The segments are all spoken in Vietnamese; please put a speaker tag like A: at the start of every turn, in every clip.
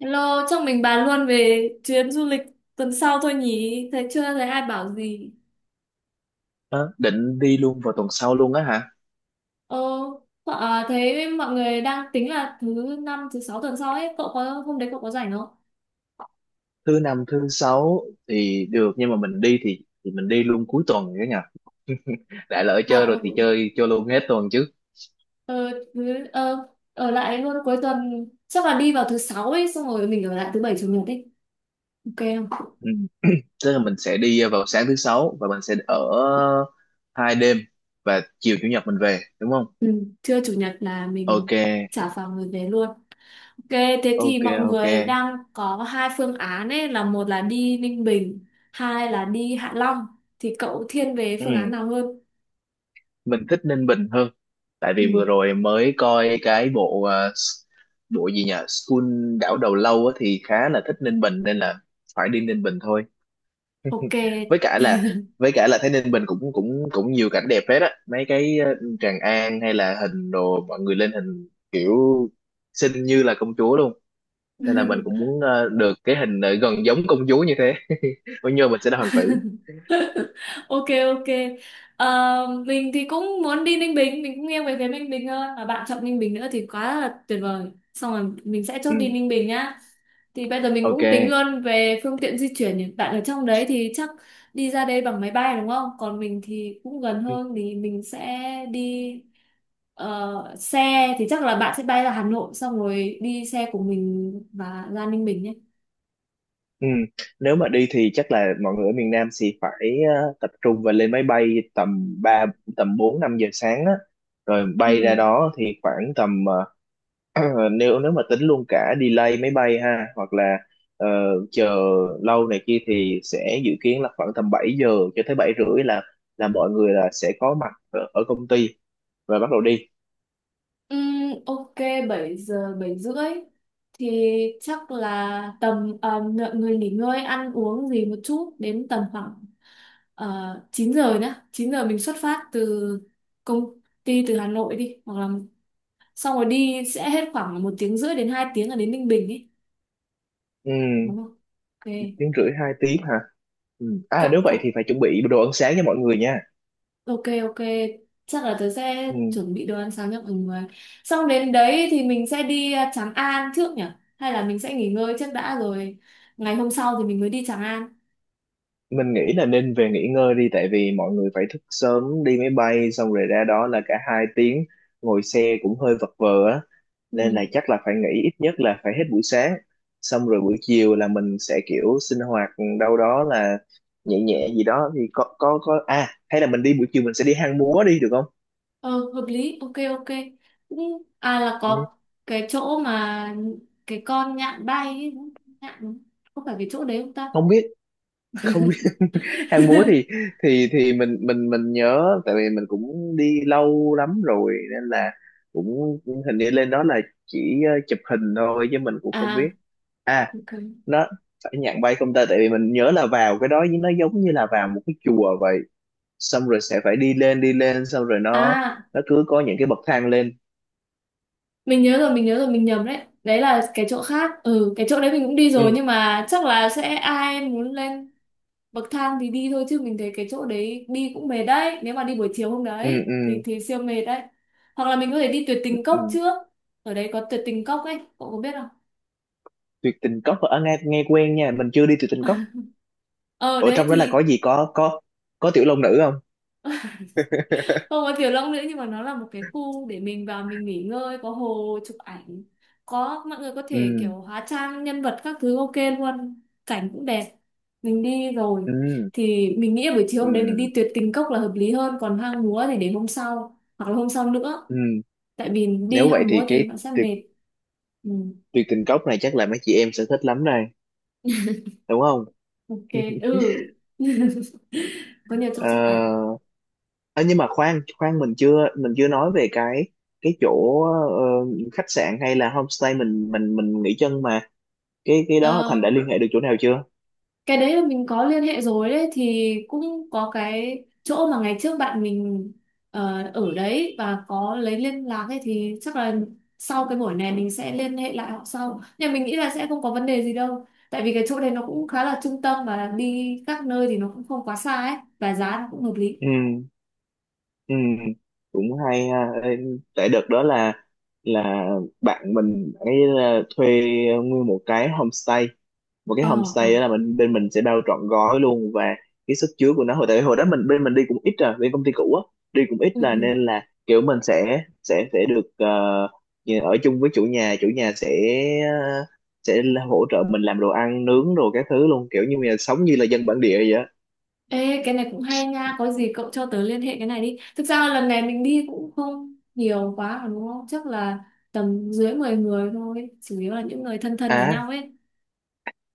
A: Hello, chắc mình bàn luôn về chuyến du lịch tuần sau thôi nhỉ? Thấy chưa thấy ai bảo gì.
B: Đó, định đi luôn vào tuần sau luôn á hả?
A: Ờ, thấy mọi người đang tính là thứ năm, thứ sáu tuần sau ấy. Cậu có hôm đấy cậu có rảnh không?
B: Thứ năm, thứ sáu thì được nhưng mà mình đi thì mình đi luôn cuối tuần cả nhà. Đã lỡ
A: À,
B: chơi rồi thì
A: ừ.
B: chơi cho luôn hết tuần chứ.
A: Ờ, thứ, ờ, ở lại luôn cuối tuần. Chắc là đi vào thứ sáu ấy, xong rồi mình ở lại thứ bảy chủ nhật ấy. Ok không?
B: Ừ. Tức là mình sẽ đi vào sáng thứ sáu và mình sẽ ở 2 đêm và chiều chủ nhật mình về đúng không?
A: Ừ, trưa chủ nhật là mình
B: Ok,
A: trả phòng rồi về luôn. Ok, thế thì
B: ok,
A: mọi
B: ok.
A: người đang có hai phương án ấy, là một là đi Ninh Bình, hai là đi Hạ Long. Thì cậu thiên về
B: Ừ.
A: phương án nào hơn?
B: Mình thích Ninh Bình hơn. Tại vì vừa
A: Ừ,
B: rồi mới coi cái bộ gì nhỉ? School đảo đầu lâu á, thì khá là thích Ninh Bình nên là phải đi Ninh Bình thôi,
A: ok.
B: với cả là với cả là thấy Ninh Bình cũng cũng cũng nhiều cảnh đẹp hết á, mấy cái Tràng An hay là hình đồ mọi người lên hình kiểu xinh như là công chúa luôn, nên là mình cũng muốn được cái hình gần giống công chúa như thế. Bao nhiêu mình sẽ là hoàng tử.
A: Ok, ok. Ờ, mình thì cũng muốn đi Ninh Bình, mình cũng nghiêng về phía Ninh Bình hơn. Và bạn chọn Ninh Bình nữa thì quá là tuyệt vời. Xong rồi mình sẽ chốt đi
B: Ừ.
A: Ninh Bình nhá. Thì bây giờ mình
B: Ok.
A: cũng tính luôn về phương tiện di chuyển nhỉ. Bạn ở trong đấy thì chắc đi ra đây bằng máy bay đúng không? Còn mình thì cũng gần
B: Ừ.
A: hơn thì mình sẽ đi xe thì chắc là bạn sẽ bay ra Hà Nội xong rồi đi xe của mình và ra Ninh Bình nhé.
B: Ừ. Nếu mà đi thì chắc là mọi người ở miền Nam thì phải tập trung và lên máy bay tầm ba tầm 4-5 giờ sáng á, rồi
A: Ừ.
B: bay ra đó thì khoảng tầm nếu nếu mà tính luôn cả delay máy bay ha, hoặc là ờ, chờ lâu này kia thì sẽ dự kiến là khoảng tầm 7 giờ cho tới 7h30 là mọi người là sẽ có mặt ở công ty và bắt đầu đi.
A: Ừm, ok, 7 giờ 7:30 thì chắc là tầm mọi người nghỉ ngơi ăn uống gì một chút đến tầm khoảng 9 giờ nhá, 9 giờ mình xuất phát từ công ty từ Hà Nội đi, hoặc là xong rồi đi sẽ hết khoảng 1 tiếng rưỡi đến 2 tiếng là đến Ninh Bình ấy
B: Ừ,
A: đúng không? Ok.
B: 1h30-2 tiếng hả. Ừ. À, nếu
A: cậu
B: vậy thì
A: cậu
B: phải chuẩn bị đồ ăn sáng cho mọi người nha.
A: ok, ok, chắc là tớ sẽ
B: Ừ.
A: chuẩn bị đồ ăn sáng cho mọi người, xong đến đấy thì mình sẽ đi Tràng An trước nhỉ, hay là mình sẽ nghỉ ngơi trước đã rồi ngày hôm sau thì mình mới đi Tràng An.
B: Mình nghĩ là nên về nghỉ ngơi đi, tại vì mọi người phải thức sớm đi máy bay xong rồi ra đó là cả 2 tiếng ngồi xe cũng hơi vật vờ á, nên là
A: Ừ,
B: chắc là phải nghỉ ít nhất là phải hết buổi sáng, xong rồi buổi chiều là mình sẽ kiểu sinh hoạt đâu đó là nhẹ nhẹ gì đó thì có à hay là mình đi buổi chiều mình sẽ đi Hang Múa đi được không?
A: ờ, hợp lý. Ok, ok, cũng là
B: Ừ,
A: có cái chỗ mà cái con nhạn bay ấy, đúng không? Nhạn đúng không? Có phải cái chỗ đấy không ta?
B: không biết không biết. Hang Múa thì mình nhớ, tại vì mình cũng đi lâu lắm rồi nên là cũng hình như lên đó là chỉ chụp hình thôi chứ mình cũng không
A: À,
B: biết. À,
A: ok.
B: nó phải nhạc bay không ta? Tại vì mình nhớ là vào cái đó nó giống như là vào một cái chùa vậy, xong rồi sẽ phải đi lên đi lên, xong rồi nó
A: À
B: nó cứ có những cái bậc thang lên.
A: mình nhớ rồi, mình nhớ rồi, mình nhầm đấy, đấy là cái chỗ khác. Ừ, cái chỗ đấy mình cũng đi
B: Ừ
A: rồi nhưng mà chắc là sẽ ai muốn lên bậc thang thì đi thôi, chứ mình thấy cái chỗ đấy đi cũng mệt đấy, nếu mà đi buổi chiều hôm
B: ừ
A: đấy thì
B: ừ,
A: thì siêu mệt đấy. Hoặc là mình có thể đi tuyệt tình cốc
B: ừ.
A: trước, ở đấy có tuyệt tình cốc ấy, cậu có biết không?
B: Tuyệt Tình Cốc ở nghe nghe quen nha, mình chưa đi Tuyệt Tình Cốc.
A: Ờ
B: Ở
A: đấy
B: trong đó là có
A: thì
B: gì, có tiểu long nữ không?
A: không có tiểu long nữa nhưng mà nó là một cái khu để mình vào mình nghỉ ngơi, có hồ chụp ảnh, có mọi người có
B: Ừ,
A: thể kiểu hóa trang nhân vật các thứ, ok luôn, cảnh cũng đẹp, mình đi rồi.
B: ừ,
A: Thì mình nghĩ là buổi chiều hôm đấy mình
B: ừ,
A: đi tuyệt tình cốc là hợp lý hơn, còn hang múa thì để hôm sau hoặc là hôm sau nữa,
B: ừ.
A: tại vì đi
B: Nếu vậy
A: hang
B: thì
A: múa thì
B: cái
A: nó sẽ
B: tuyệt
A: mệt. Ừ,
B: tuyệt Tình Cốc này chắc là mấy chị em sẽ thích lắm đây, đúng không?
A: ok. Ừ. Có nhiều chỗ chụp ảnh.
B: Ờ à, nhưng mà khoan khoan mình chưa nói về cái chỗ khách sạn hay là homestay mình nghỉ chân mà, cái đó
A: Ờ,
B: Thành đã liên hệ được chỗ nào chưa?
A: cái đấy là mình có liên hệ rồi, đấy thì cũng có cái chỗ mà ngày trước bạn mình ở đấy và có lấy liên lạc ấy, thì chắc là sau cái buổi này mình sẽ liên hệ lại họ sau, nhưng mình nghĩ là sẽ không có vấn đề gì đâu, tại vì cái chỗ này nó cũng khá là trung tâm và đi các nơi thì nó cũng không quá xa ấy, và giá nó cũng hợp lý.
B: Ừ, ừ, cũng hay ha. Ê, tại đợt đó là bạn mình ấy là thuê nguyên một cái homestay.
A: ờ ờ
B: Đó là mình bên mình sẽ bao trọn gói luôn, và cái sức chứa của nó tại hồi đó mình bên mình đi cũng ít rồi, bên công ty cũ á, đi cũng ít
A: ừ,
B: là nên
A: ừ.
B: là kiểu mình sẽ được như ở chung với chủ nhà, chủ nhà sẽ ờ, sẽ là hỗ trợ mình làm đồ ăn nướng đồ các thứ luôn, kiểu như là sống như là dân bản địa vậy á.
A: Ê, cái này cũng hay nha, có gì cậu cho tớ liên hệ cái này đi. Thực ra lần này mình đi cũng không nhiều quá mà đúng không? Chắc là tầm dưới 10 người thôi, chủ yếu là những người thân thân với
B: À,
A: nhau ấy.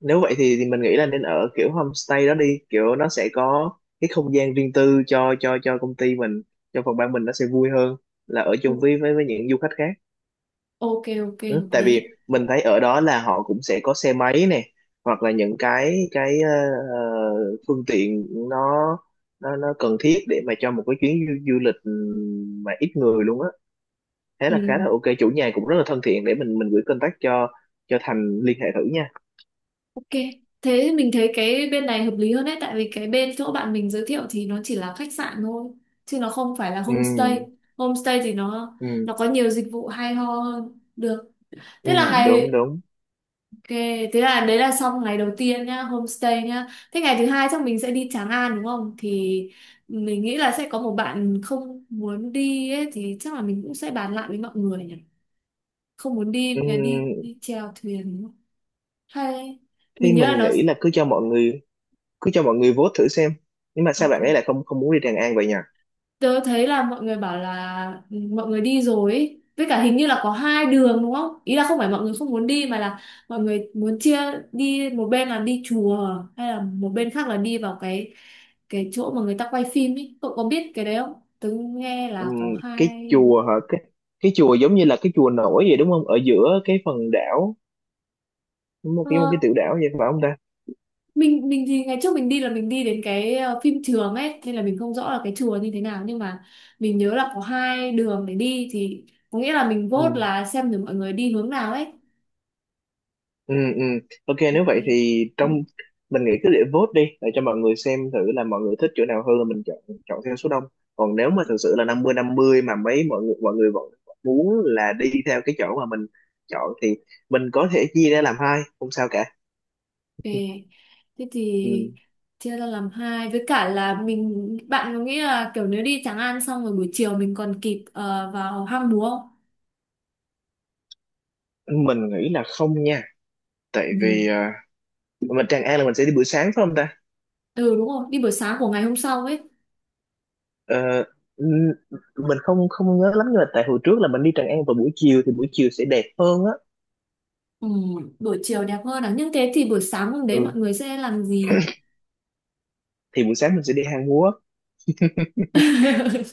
B: nếu vậy thì mình nghĩ là nên ở kiểu homestay đó đi, kiểu nó sẽ có cái không gian riêng tư cho công ty mình, cho phòng ban mình nó sẽ vui hơn là ở chung
A: O-
B: với những du khách khác.
A: Ok, ok,
B: Ừ.
A: hợp
B: Tại vì
A: lý.
B: mình thấy ở đó là họ cũng sẽ có xe máy này, hoặc là những cái phương tiện nó nó cần thiết để mà cho một cái chuyến du lịch mà ít người luôn á, thế
A: Ừ,
B: là khá là ok. Chủ nhà cũng rất là thân thiện, để mình gửi contact cho Thành liên hệ thử nha.
A: ok. Thế mình thấy cái bên này hợp lý hơn đấy, tại vì cái bên chỗ bạn mình giới thiệu thì nó chỉ là khách sạn thôi, chứ nó không phải là
B: Ừ
A: homestay. Homestay thì nó
B: ừ
A: nó có nhiều dịch vụ hay ho hơn. Được.
B: ừ,
A: Thế là
B: đúng
A: ngày
B: đúng.
A: Ok, thế là đấy là xong ngày đầu tiên nhá, homestay nhá. Thế ngày thứ hai chắc mình sẽ đi Tràng An đúng không? Thì mình nghĩ là sẽ có một bạn không muốn đi ấy, thì chắc là mình cũng sẽ bàn lại với mọi người nhỉ. Không muốn đi
B: Ừm,
A: đi chèo thuyền đúng không? Hay
B: thì
A: mình nhớ là
B: mình
A: nó
B: nghĩ là cứ cho mọi người vote thử xem, nhưng mà sao
A: ok.
B: bạn ấy lại không không muốn đi Tràng An vậy nhỉ?
A: Tớ thấy là mọi người bảo là ừ, mọi người đi rồi ý. Với cả hình như là có hai đường đúng không? Ý là không phải mọi người không muốn đi mà là mọi người muốn chia, đi một bên là đi chùa, hay là một bên khác là đi vào cái chỗ mà người ta quay phim ấy. Cậu có biết cái đấy không? Tớ nghe là có
B: Ừm, cái
A: hai đường.
B: chùa hả? Cái chùa giống như là cái chùa nổi vậy đúng không, ở giữa cái phần đảo, một
A: Ờ,
B: cái một cái tiểu đảo vậy phải không
A: mình thì ngày trước mình đi là mình đi đến cái phim trường ấy, nên là mình không rõ là cái chùa như thế nào, nhưng mà mình nhớ là có hai đường để đi, thì có nghĩa là mình
B: ta?
A: vote là xem được mọi người đi hướng nào ấy.
B: Ừ, ừ. Ok, nếu
A: Ok.
B: vậy thì mình nghĩ cứ để vote đi, để cho mọi người xem thử là mọi người thích chỗ nào hơn là mình chọn, chọn theo số đông. Còn nếu mà
A: Ok.
B: thực sự là 50-50 mà mấy mọi người vẫn vẫn muốn là đi theo cái chỗ mà mình chọn thì mình có thể chia ra làm hai, không sao cả.
A: Thế
B: Ừ.
A: thì chia ra làm hai, với cả là mình, bạn có nghĩ là kiểu nếu đi Tràng An xong rồi buổi chiều mình còn kịp vào hang múa không?
B: Mình nghĩ là không nha, tại vì
A: Ừ.
B: Tràng An là mình sẽ đi buổi sáng phải không ta?
A: Ừ đúng rồi, đi buổi sáng của ngày hôm sau ấy.
B: Ờ, n- mình không không nhớ lắm, nhưng mà tại hồi trước là mình đi Tràng An vào buổi chiều thì buổi chiều sẽ đẹp hơn á.
A: Ừ, buổi chiều đẹp hơn à. Nhưng thế thì buổi sáng hôm
B: Ừ,
A: đấy mọi người sẽ làm gì?
B: thì buổi sáng mình sẽ đi Hang Múa.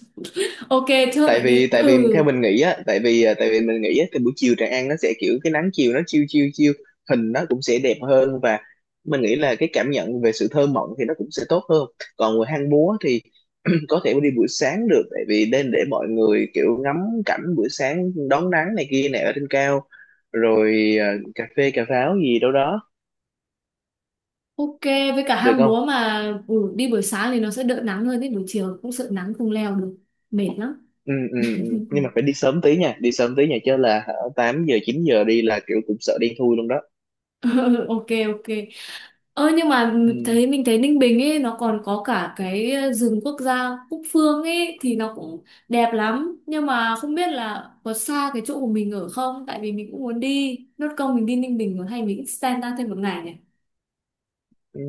A: Ok, chốt
B: tại
A: vậy
B: vì
A: đi.
B: tại vì
A: Ừ.
B: theo mình nghĩ á, tại vì mình nghĩ á thì buổi chiều Tràng An nó sẽ kiểu cái nắng chiều nó chiêu chiêu chiêu, hình nó cũng sẽ đẹp hơn, và mình nghĩ là cái cảm nhận về sự thơ mộng thì nó cũng sẽ tốt hơn. Còn người Hang Múa thì có thể đi buổi sáng được, tại vì nên để mọi người kiểu ngắm cảnh buổi sáng đón nắng này kia này ở trên cao, rồi cà phê cà pháo gì đâu đó,
A: Ok, với cả
B: được
A: hang
B: không?
A: múa mà ừ, đi buổi sáng thì nó sẽ đỡ nắng hơn, đến buổi chiều cũng sợ nắng không leo được. Mệt lắm.
B: Ừ, ừ, ừ. Nhưng mà phải đi sớm tí nha, đi sớm tí nha, chứ là hả, 8-9 giờ đi là kiểu cũng sợ đen thui luôn đó.
A: Ok, ok. Ơ nhưng mà
B: Ừ.
A: mình thấy Ninh Bình ấy nó còn có cả cái rừng quốc gia Cúc Phương ấy, thì nó cũng đẹp lắm, nhưng mà không biết là có xa cái chỗ của mình ở không, tại vì mình cũng muốn đi nốt công mình đi Ninh Bình rồi, hay mình extend ra thêm một ngày nhỉ.
B: Ừ.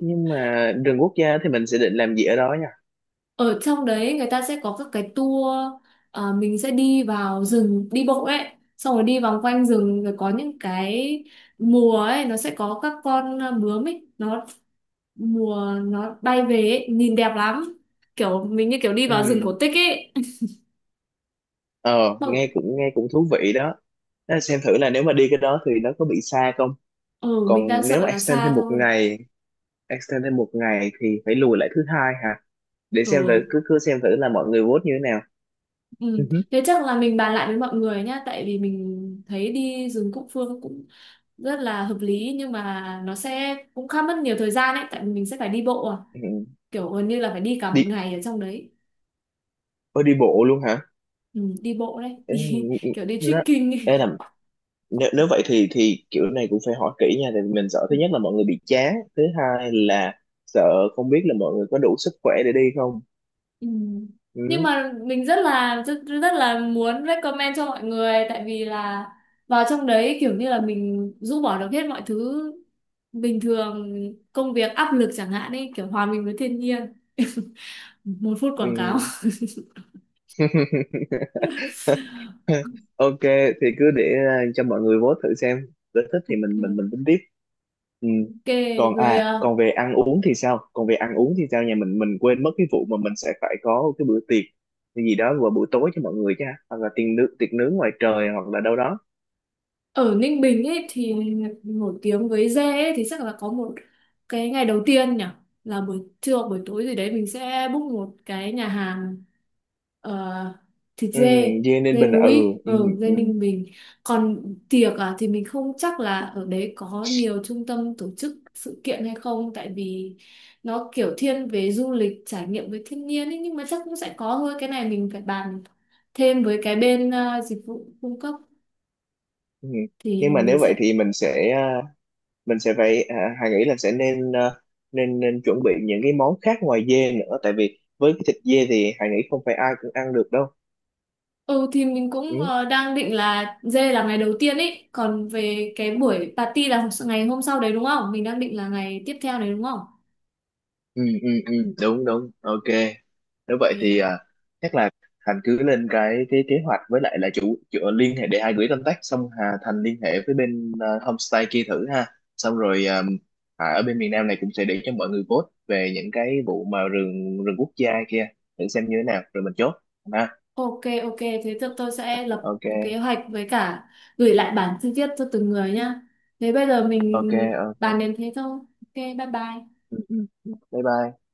B: Nhưng mà rừng quốc gia thì mình sẽ định làm gì ở đó nha?
A: Ở trong đấy người ta sẽ có các cái tour, mình sẽ đi vào rừng đi bộ ấy, xong rồi đi vòng quanh rừng, rồi có những cái mùa ấy nó sẽ có các con bướm ấy, nó mùa nó bay về ấy, nhìn đẹp lắm, kiểu mình như kiểu đi vào rừng cổ
B: Ừ.
A: tích ấy.
B: ờ
A: Mọi...
B: nghe cũng thú vị đó. Đó, xem thử là nếu mà đi cái đó thì nó có bị xa không.
A: Ừ mình đang
B: Còn nếu
A: sợ
B: mà
A: là xa thôi.
B: extend thêm một ngày thì phải lùi lại thứ hai hả, để xem thử
A: Ừ.
B: cứ cứ xem thử là mọi người vote như thế nào. Ừ.
A: Ừ
B: Hứ.
A: thế chắc là mình bàn lại với mọi người nhá, tại vì mình thấy đi rừng Cúc Phương cũng rất là hợp lý nhưng mà nó sẽ cũng khá mất nhiều thời gian ấy, tại vì mình sẽ phải đi bộ
B: Ừ.
A: kiểu gần như là phải đi cả một
B: đi
A: ngày ở trong đấy.
B: Ôi, đi bộ luôn hả?
A: Ừ, đi bộ đấy.
B: Ừ,
A: Đi
B: ừ, ừ.
A: kiểu đi
B: nó
A: trekking ấy.
B: Ê, nếu vậy thì kiểu này cũng phải hỏi kỹ nha, tại vì mình sợ thứ
A: Ừ.
B: nhất là mọi người bị chán, thứ hai là sợ không biết là mọi người có đủ sức khỏe để đi không.
A: Ừ. Nhưng
B: Ừ.
A: mà mình rất là rất, rất là muốn recommend cho mọi người, tại vì là vào trong đấy kiểu như là mình rũ bỏ được hết mọi thứ bình thường, công việc áp lực chẳng hạn ấy, kiểu hòa mình với thiên nhiên, một phút
B: Ừ.
A: quảng cáo.
B: Ok, thì cứ để à, cho mọi người vote thử xem, nếu thích thì mình mình
A: Ok
B: mình tính tiếp. Ừ.
A: rồi,
B: Còn về ăn uống thì sao, nhà mình quên mất cái vụ mà mình sẽ phải có cái bữa tiệc cái gì đó vào buổi tối cho mọi người chứ ha? Hoặc là tiệc nướng ngoài trời, hoặc là đâu đó.
A: ở Ninh Bình ấy thì nổi tiếng với dê ấy, thì chắc là có một cái ngày đầu tiên nhỉ, là buổi trưa hoặc buổi tối gì đấy mình sẽ book một cái nhà hàng ờ, thịt
B: Ừ,
A: dê,
B: dê nên
A: dê
B: bình à? Ừ,
A: núi
B: ừ,
A: ở dê
B: ừ,
A: Ninh Bình. Còn tiệc à thì mình không chắc là ở đấy có nhiều trung tâm tổ chức sự kiện hay không, tại vì nó kiểu thiên về du lịch trải nghiệm với thiên nhiên ấy, nhưng mà chắc cũng sẽ có thôi, cái này mình phải bàn thêm với cái bên dịch vụ cung cấp
B: ừ. Nhưng
A: thì
B: mà
A: mình
B: nếu vậy
A: sẽ.
B: thì mình sẽ à, mình sẽ phải à, Hà nghĩ là sẽ nên nên nên chuẩn bị những cái món khác ngoài dê nữa, tại vì với cái thịt dê thì Hà nghĩ không phải ai cũng ăn được đâu.
A: Ừ thì mình
B: Ừ.
A: cũng đang định là dê là ngày đầu tiên ấy. Còn về cái buổi party là ngày hôm sau đấy đúng không? Mình đang định là ngày tiếp theo đấy đúng không?
B: Ừ ừ ừ, đúng đúng, ok. Nếu
A: Ok,
B: vậy thì à, chắc là Thành cứ lên cái kế hoạch, với lại là chủ liên hệ để hai gửi contact, xong Hà Thành liên hệ với bên à, homestay kia thử ha, xong rồi à, Hà ở bên miền Nam này cũng sẽ để cho mọi người vote về những cái vụ mà rừng rừng quốc gia kia thử xem như thế nào rồi mình chốt ha.
A: ok, ok, thế tôi sẽ lập
B: Ok,
A: một kế hoạch với cả gửi lại bản chi tiết cho từng người nhá. Thế bây giờ
B: ok,
A: mình
B: ok.
A: bàn đến thế thôi. Ok bye bye.
B: Ừ, ừ. Bye bye.